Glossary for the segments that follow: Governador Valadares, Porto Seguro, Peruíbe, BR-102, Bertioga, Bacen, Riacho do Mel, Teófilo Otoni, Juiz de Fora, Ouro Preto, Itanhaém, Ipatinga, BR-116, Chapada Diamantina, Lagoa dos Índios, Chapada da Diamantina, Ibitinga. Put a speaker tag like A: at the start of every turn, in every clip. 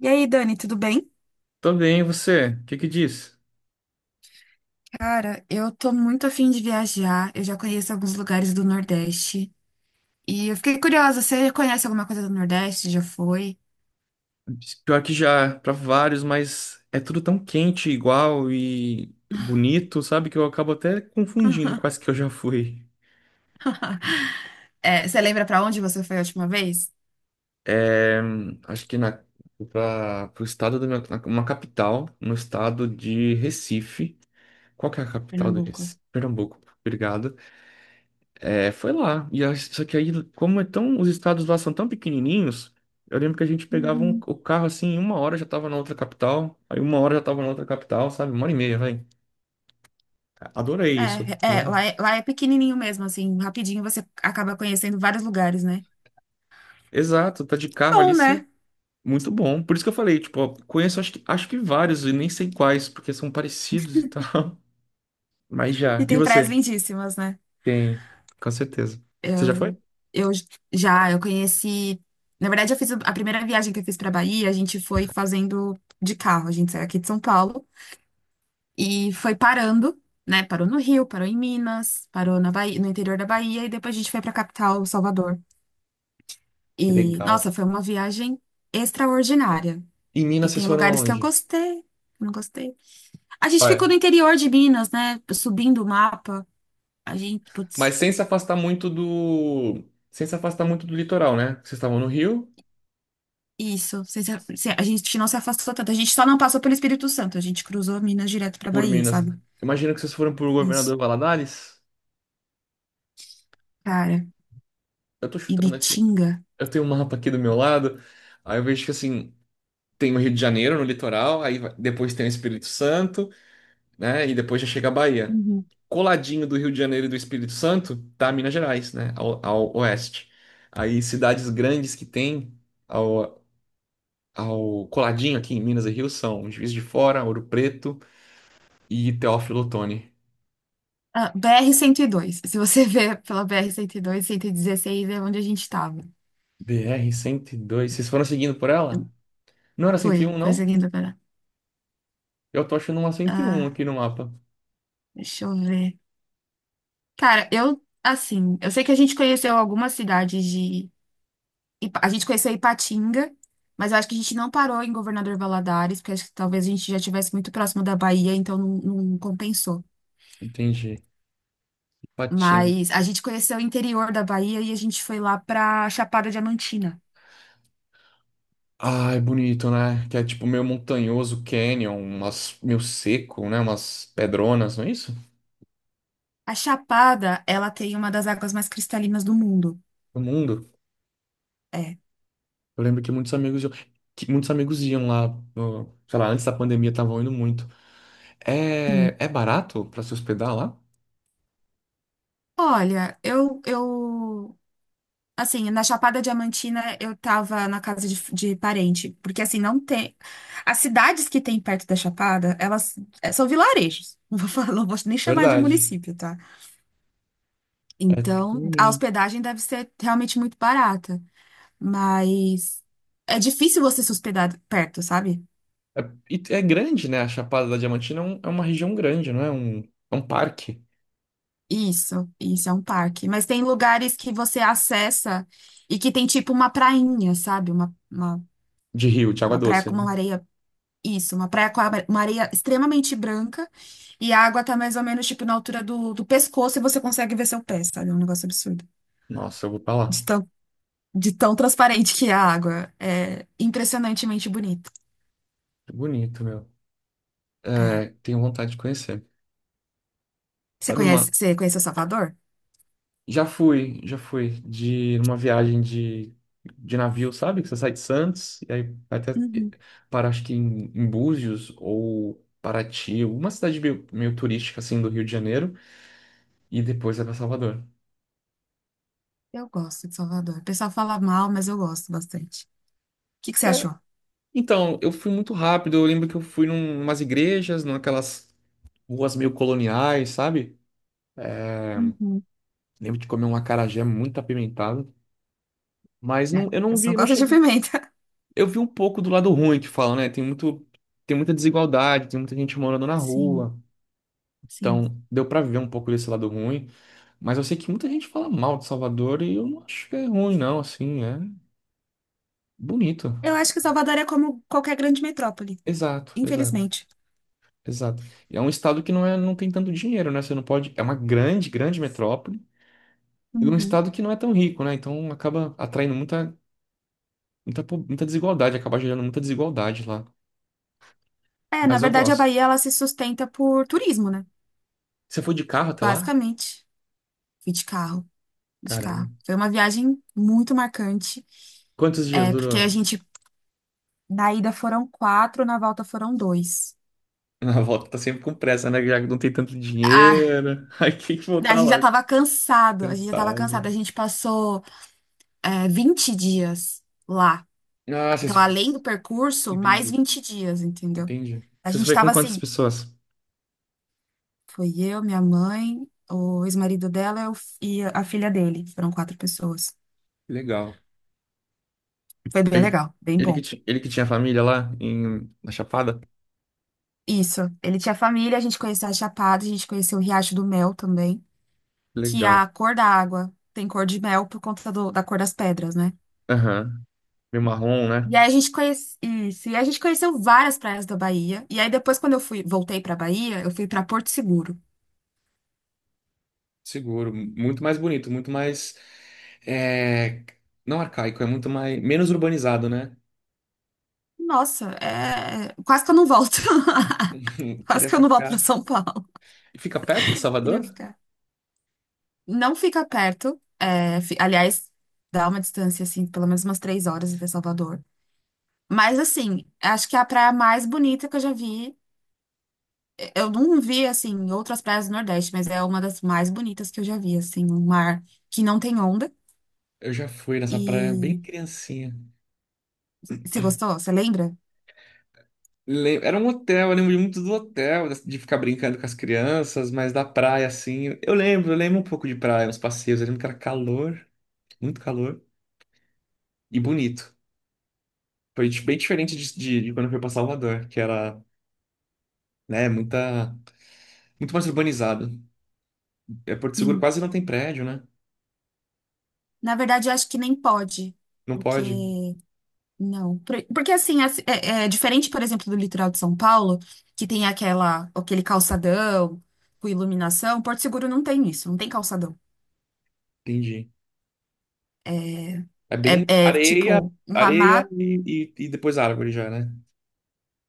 A: E aí, Dani, tudo bem?
B: Tô bem, e você? O que que diz?
A: Cara, eu tô muito afim de viajar. Eu já conheço alguns lugares do Nordeste. E eu fiquei curiosa, você conhece alguma coisa do Nordeste? Já foi?
B: Pior que já, pra vários, mas é tudo tão quente, igual e bonito, sabe? Que eu acabo até confundindo quase que eu já fui.
A: É, você lembra pra onde você foi a última vez?
B: É, acho que na, pra, pro estado da minha, uma capital, no estado de Recife. Qual que é a capital do
A: Pernambuco.
B: Recife? Pernambuco. Obrigado. É, foi lá. Só que aí, como é tão, os estados lá são tão pequenininhos, eu lembro que a gente pegava
A: Uhum.
B: o carro assim, em uma hora já tava na outra capital, aí uma hora já tava na outra capital, sabe? Uma hora e meia, vai. Adorei isso.
A: É, é,
B: Adorei.
A: lá é, lá é pequenininho mesmo, assim, rapidinho você acaba conhecendo vários lugares, né?
B: Exato, tá de carro
A: Bom,
B: ali, você é
A: né?
B: muito bom. Por isso que eu falei, tipo, ó, conheço acho que vários e nem sei quais, porque são parecidos e tal. Mas já.
A: E
B: E
A: tem praias
B: você?
A: lindíssimas, né?
B: Tem, com certeza. Você já foi?
A: Eu, eu eu conheci. Na verdade, eu fiz a primeira viagem que eu fiz para Bahia, a gente foi fazendo de carro. A gente saiu aqui de São Paulo e foi parando, né? Parou no Rio, parou em Minas, parou na Bahia, no interior da Bahia e depois a gente foi para a capital, Salvador.
B: Que
A: E,
B: legal.
A: nossa, foi uma viagem extraordinária.
B: E
A: E
B: Minas, vocês
A: tem
B: foram
A: lugares que eu
B: aonde?
A: gostei, que eu não gostei. A gente ficou no interior de Minas, né? Subindo o mapa. A gente,
B: Mas
A: putz.
B: sem se afastar muito do. Sem se afastar muito do litoral, né? Vocês estavam no Rio,
A: Isso, a gente não se afastou tanto, a gente só não passou pelo Espírito Santo, a gente cruzou Minas direto pra
B: por
A: Bahia,
B: Minas.
A: sabe?
B: Imagino que vocês foram por Governador
A: Isso.
B: Valadares.
A: Cara,
B: Eu tô chutando aqui.
A: Ibitinga.
B: Eu tenho um mapa aqui do meu lado. Aí eu vejo que assim, tem o Rio de Janeiro no litoral, depois tem o Espírito Santo, né? E depois já chega a Bahia.
A: Uhum.
B: Coladinho do Rio de Janeiro e do Espírito Santo, tá Minas Gerais, né? Ao oeste. Aí cidades grandes que tem ao, ao coladinho aqui em Minas e Rio são Juiz de Fora, Ouro Preto e Teófilo Otoni.
A: Ah, BR-102. Se você ver pela BR-102, 116 é onde a gente tava.
B: BR dois. Vocês foram seguindo por ela? Não era
A: Foi,
B: 101 não?
A: perseguindo para.
B: Eu tô achando uma cento e um
A: Ah,
B: aqui no mapa.
A: deixa eu ver. Cara, eu sei que a gente conheceu algumas cidades de. A gente conheceu Ipatinga, mas eu acho que a gente não parou em Governador Valadares, porque acho que talvez a gente já estivesse muito próximo da Bahia, então não, não compensou.
B: Entendi. Patinho.
A: Mas a gente conheceu o interior da Bahia e a gente foi lá pra Chapada Diamantina.
B: Ah, é bonito, né? Que é tipo meio montanhoso, canyon, umas meio seco, né? Umas pedronas, não é isso?
A: A Chapada, ela tem uma das águas mais cristalinas do mundo.
B: O mundo.
A: É,
B: Eu lembro que muitos amigos iam, lá, sei lá, antes da pandemia estavam indo muito. É,
A: sim.
B: é barato pra se hospedar lá?
A: Olha, eu, assim, na Chapada Diamantina eu tava na casa de parente, porque assim, não tem, as cidades que tem perto da Chapada, elas são vilarejos. Não vou falar, não vou nem chamar de
B: Verdade.
A: município, tá?
B: É
A: Então, a
B: pequenininho.
A: hospedagem deve ser realmente muito barata. Mas é difícil você se hospedar perto, sabe?
B: É, e é grande, né? A Chapada da Diamantina é, é uma região grande, não é? É um parque
A: Isso é um parque. Mas tem lugares que você acessa e que tem tipo uma prainha, sabe? Uma, uma,
B: de rio, de água
A: uma praia
B: doce,
A: com
B: né?
A: uma areia. Isso, uma praia com uma areia extremamente branca e a água tá mais ou menos tipo na altura do pescoço e você consegue ver seu pé, sabe? É um negócio absurdo.
B: Nossa, eu vou pra
A: De
B: lá.
A: tão, de tão transparente que é a água. É impressionantemente bonito.
B: É bonito, meu. É,
A: É.
B: tenho vontade de conhecer.
A: Você
B: Sabe
A: conhece,
B: uma...
A: você conhece o Salvador?
B: Já fui de uma viagem de navio, sabe? Que você sai de Santos e aí vai até
A: Uhum.
B: para, acho que em Búzios ou Paraty, uma cidade meio turística, assim, do Rio de Janeiro, e depois vai pra Salvador.
A: Eu gosto de Salvador. O pessoal fala mal, mas eu gosto bastante. O que que você
B: É,
A: achou?
B: então, eu fui muito rápido. Eu lembro que eu fui umas igrejas, naquelas ruas meio coloniais, sabe?
A: Uhum.
B: Lembro de comer um acarajé muito apimentado. Mas não,
A: É,
B: eu
A: eu
B: não
A: só
B: vi, não
A: gosto de
B: cheguei.
A: pimenta.
B: Eu vi um pouco do lado ruim que falam, né? Tem muita desigualdade, tem muita gente morando na
A: Sim,
B: rua.
A: sim.
B: Então, deu pra ver um pouco desse lado ruim. Mas eu sei que muita gente fala mal de Salvador e eu não acho que é ruim, não. Assim, é bonito.
A: Eu acho que Salvador é como qualquer grande metrópole,
B: Exato, exato,
A: infelizmente.
B: exato. E é um estado que não tem tanto dinheiro, né? Você não pode. É uma grande, grande metrópole, num
A: Uhum.
B: estado que não é tão rico, né? Então acaba atraindo muita desigualdade, acaba gerando muita desigualdade lá.
A: É, na
B: Mas eu
A: verdade, a
B: gosto.
A: Bahia ela se sustenta por turismo, né?
B: Você foi de carro até lá?
A: Basicamente. Fui de carro, de
B: Caramba.
A: carro. Foi uma viagem muito marcante,
B: Quantos dias
A: porque a
B: durou?
A: gente, na ida foram quatro, na volta foram dois.
B: Na volta tá sempre com pressa, né? Já que não tem tanto
A: Ah,
B: dinheiro. Aí tem que
A: a
B: voltar
A: gente já
B: lá.
A: tava cansado, a gente já tava
B: Cansado.
A: cansado. A gente passou 20 dias lá.
B: Ah,
A: Então, além do
B: vocês.
A: percurso, mais
B: Entendi.
A: 20 dias, entendeu?
B: Entendi.
A: A
B: Vocês
A: gente
B: foi com
A: tava
B: quantas
A: assim,
B: pessoas?
A: foi eu, minha mãe, o ex-marido dela e a filha dele. Foram quatro pessoas.
B: Legal.
A: Foi bem
B: Aí,
A: legal, bem bom.
B: Ele que tinha família lá na Chapada?
A: Isso. Ele tinha família, a gente conheceu a Chapada, a gente conheceu o Riacho do Mel também, que a
B: Legal.
A: cor da água tem cor de mel por conta da cor das pedras, né?
B: Aham. Meio marrom, né?
A: E aí a gente conhece isso, e a gente conheceu várias praias da Bahia. E aí depois quando eu fui, voltei pra Bahia, eu fui pra Porto Seguro.
B: Seguro, muito mais bonito, muito mais. É, não arcaico, é muito mais. Menos urbanizado, né?
A: Nossa, quase que eu não volto. Quase
B: Queria
A: que eu não volto para
B: ficar.
A: São Paulo.
B: E fica perto de
A: Queria
B: Salvador?
A: ficar. Não fica perto. Aliás, dá uma distância, assim, pelo menos umas 3 horas de Salvador. Mas, assim, acho que é a praia mais bonita que eu já vi. Eu não vi, assim, outras praias do Nordeste, mas é uma das mais bonitas que eu já vi, assim. Um mar que não tem onda.
B: Eu já fui nessa praia bem
A: E
B: criancinha.
A: você gostou? Você lembra?
B: Era um hotel, eu lembro muito do hotel, de ficar brincando com as crianças, mas da praia, assim. Eu lembro um pouco de praia, uns passeios. Eu lembro que era calor, muito calor e bonito. Bem diferente de quando eu fui para Salvador, que era, né, muito mais urbanizado. É, Porto Seguro
A: Sim.
B: quase não tem prédio, né?
A: Na verdade, eu acho que nem pode.
B: Não
A: Porque
B: pode?
A: Não, porque assim, é diferente, por exemplo, do litoral de São Paulo, que tem aquele calçadão com iluminação. Porto Seguro não tem isso, não tem calçadão.
B: Entendi.
A: É,
B: É
A: é,
B: bem
A: é,
B: areia,
A: tipo uma
B: areia
A: mata,
B: e depois árvore já, né?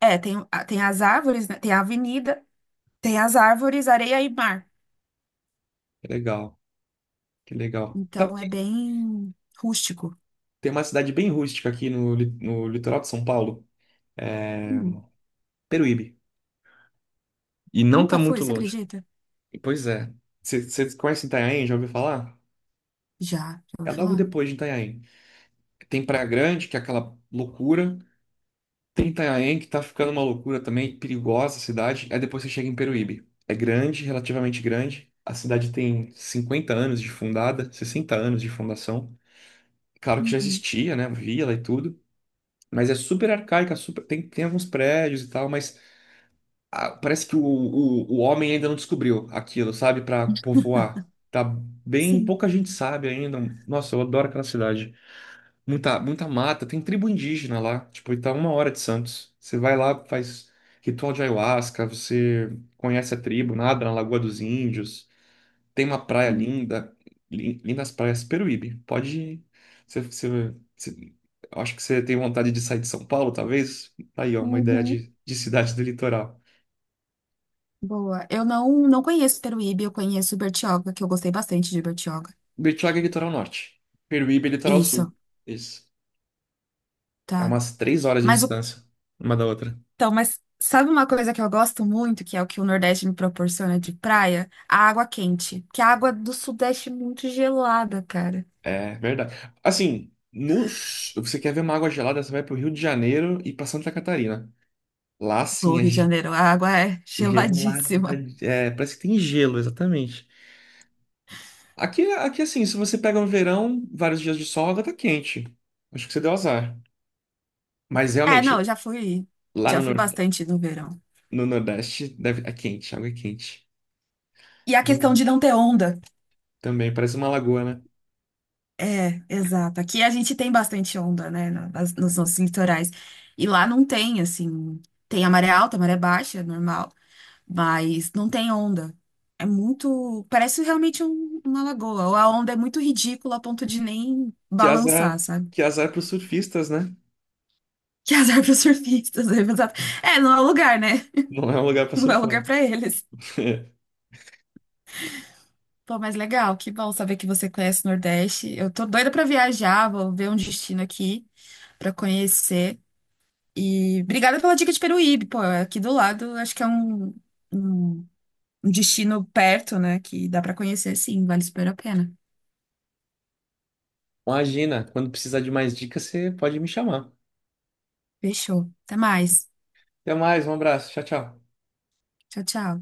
A: é, tem, tem as árvores, né? Tem a avenida, tem as árvores, areia e mar.
B: Que legal, que legal. Sabe
A: Então é
B: que
A: bem rústico.
B: tem uma cidade bem rústica aqui no litoral de São Paulo, é
A: Hum,
B: Peruíbe. E não tá
A: nunca
B: muito
A: fui, você
B: longe.
A: acredita?
B: Pois é. Você conhece Itanhaém? Já ouviu falar?
A: Já ouvi
B: É logo
A: falar?
B: depois de Itanhaém. Tem Praia Grande, que é aquela loucura. Tem Itanhaém, que tá ficando uma loucura também, perigosa a cidade. Aí depois você chega em Peruíbe. É grande, relativamente grande. A cidade tem 50 anos de fundada, 60 anos de fundação. Claro que já
A: Uhum.
B: existia, né? Vila e tudo. Mas é super arcaica, super... tem alguns prédios e tal, mas ah, parece que o homem ainda não descobriu aquilo, sabe? Pra povoar. Tá bem...
A: Sim.
B: Pouca gente sabe ainda. Nossa, eu adoro aquela cidade. Muita, muita mata, tem tribo indígena lá, tipo, e tá uma hora de Santos. Você vai lá, faz ritual de ayahuasca, você conhece a tribo, nada na Lagoa dos Índios, tem uma praia
A: Hum,
B: linda, lindas praias, Peruíbe. Pode ir. Você- eu acho que você tem vontade de sair de São Paulo, talvez? Tá aí, ó, uma ideia
A: uhum.
B: de cidade do litoral.
A: Boa. Eu não conheço Peruíbe, eu conheço Bertioga, que eu gostei bastante de Bertioga.
B: Bertioga é litoral norte, Peruíbe é litoral sul.
A: Isso,
B: Isso. É
A: tá.
B: umas 3 horas de
A: Mas o-
B: distância uma da outra.
A: mas sabe uma coisa que eu gosto muito, que é o que o Nordeste me proporciona de praia? A água quente. Que a água do Sudeste é muito gelada, cara.
B: É verdade. Assim, você quer ver uma água gelada, você vai pro Rio de Janeiro e pra Santa Catarina. Lá
A: O
B: sim,
A: Rio de Janeiro, a água é
B: gelada.
A: geladíssima.
B: Parece que tem gelo, exatamente. Aqui assim, se você pega um verão, vários dias de sol, a água tá quente. Acho que você deu azar. Mas
A: É, não,
B: realmente,
A: eu já fui,
B: lá
A: já fui bastante no verão.
B: no Nordeste, deve... é quente, a água é quente.
A: E a questão de não
B: Realmente.
A: ter onda.
B: Também, parece uma lagoa, né?
A: É, exato. Aqui a gente tem bastante onda, né, nos nossos litorais. E lá não tem, assim, tem a maré alta, a maré baixa, é normal. Mas não tem onda. É muito. Parece realmente uma lagoa. Ou a onda é muito ridícula a ponto de nem
B: Que
A: balançar,
B: azar,
A: sabe?
B: que azar pros surfistas, né?
A: Que azar para surfistas. É, exato. É, não é lugar, né?
B: Não é um lugar pra
A: Não é lugar
B: surfar.
A: para eles. Pô, mas legal, que bom saber que você conhece o Nordeste. Eu tô doida para viajar, vou ver um destino aqui para conhecer. E obrigada pela dica de Peruíbe, pô, é aqui do lado, acho que é um, um destino perto, né? Que dá para conhecer, sim, vale super a pena.
B: Imagina, quando precisar de mais dicas, você pode me chamar.
A: Fechou. Até mais.
B: Até mais, um abraço. Tchau, tchau.
A: Tchau, tchau.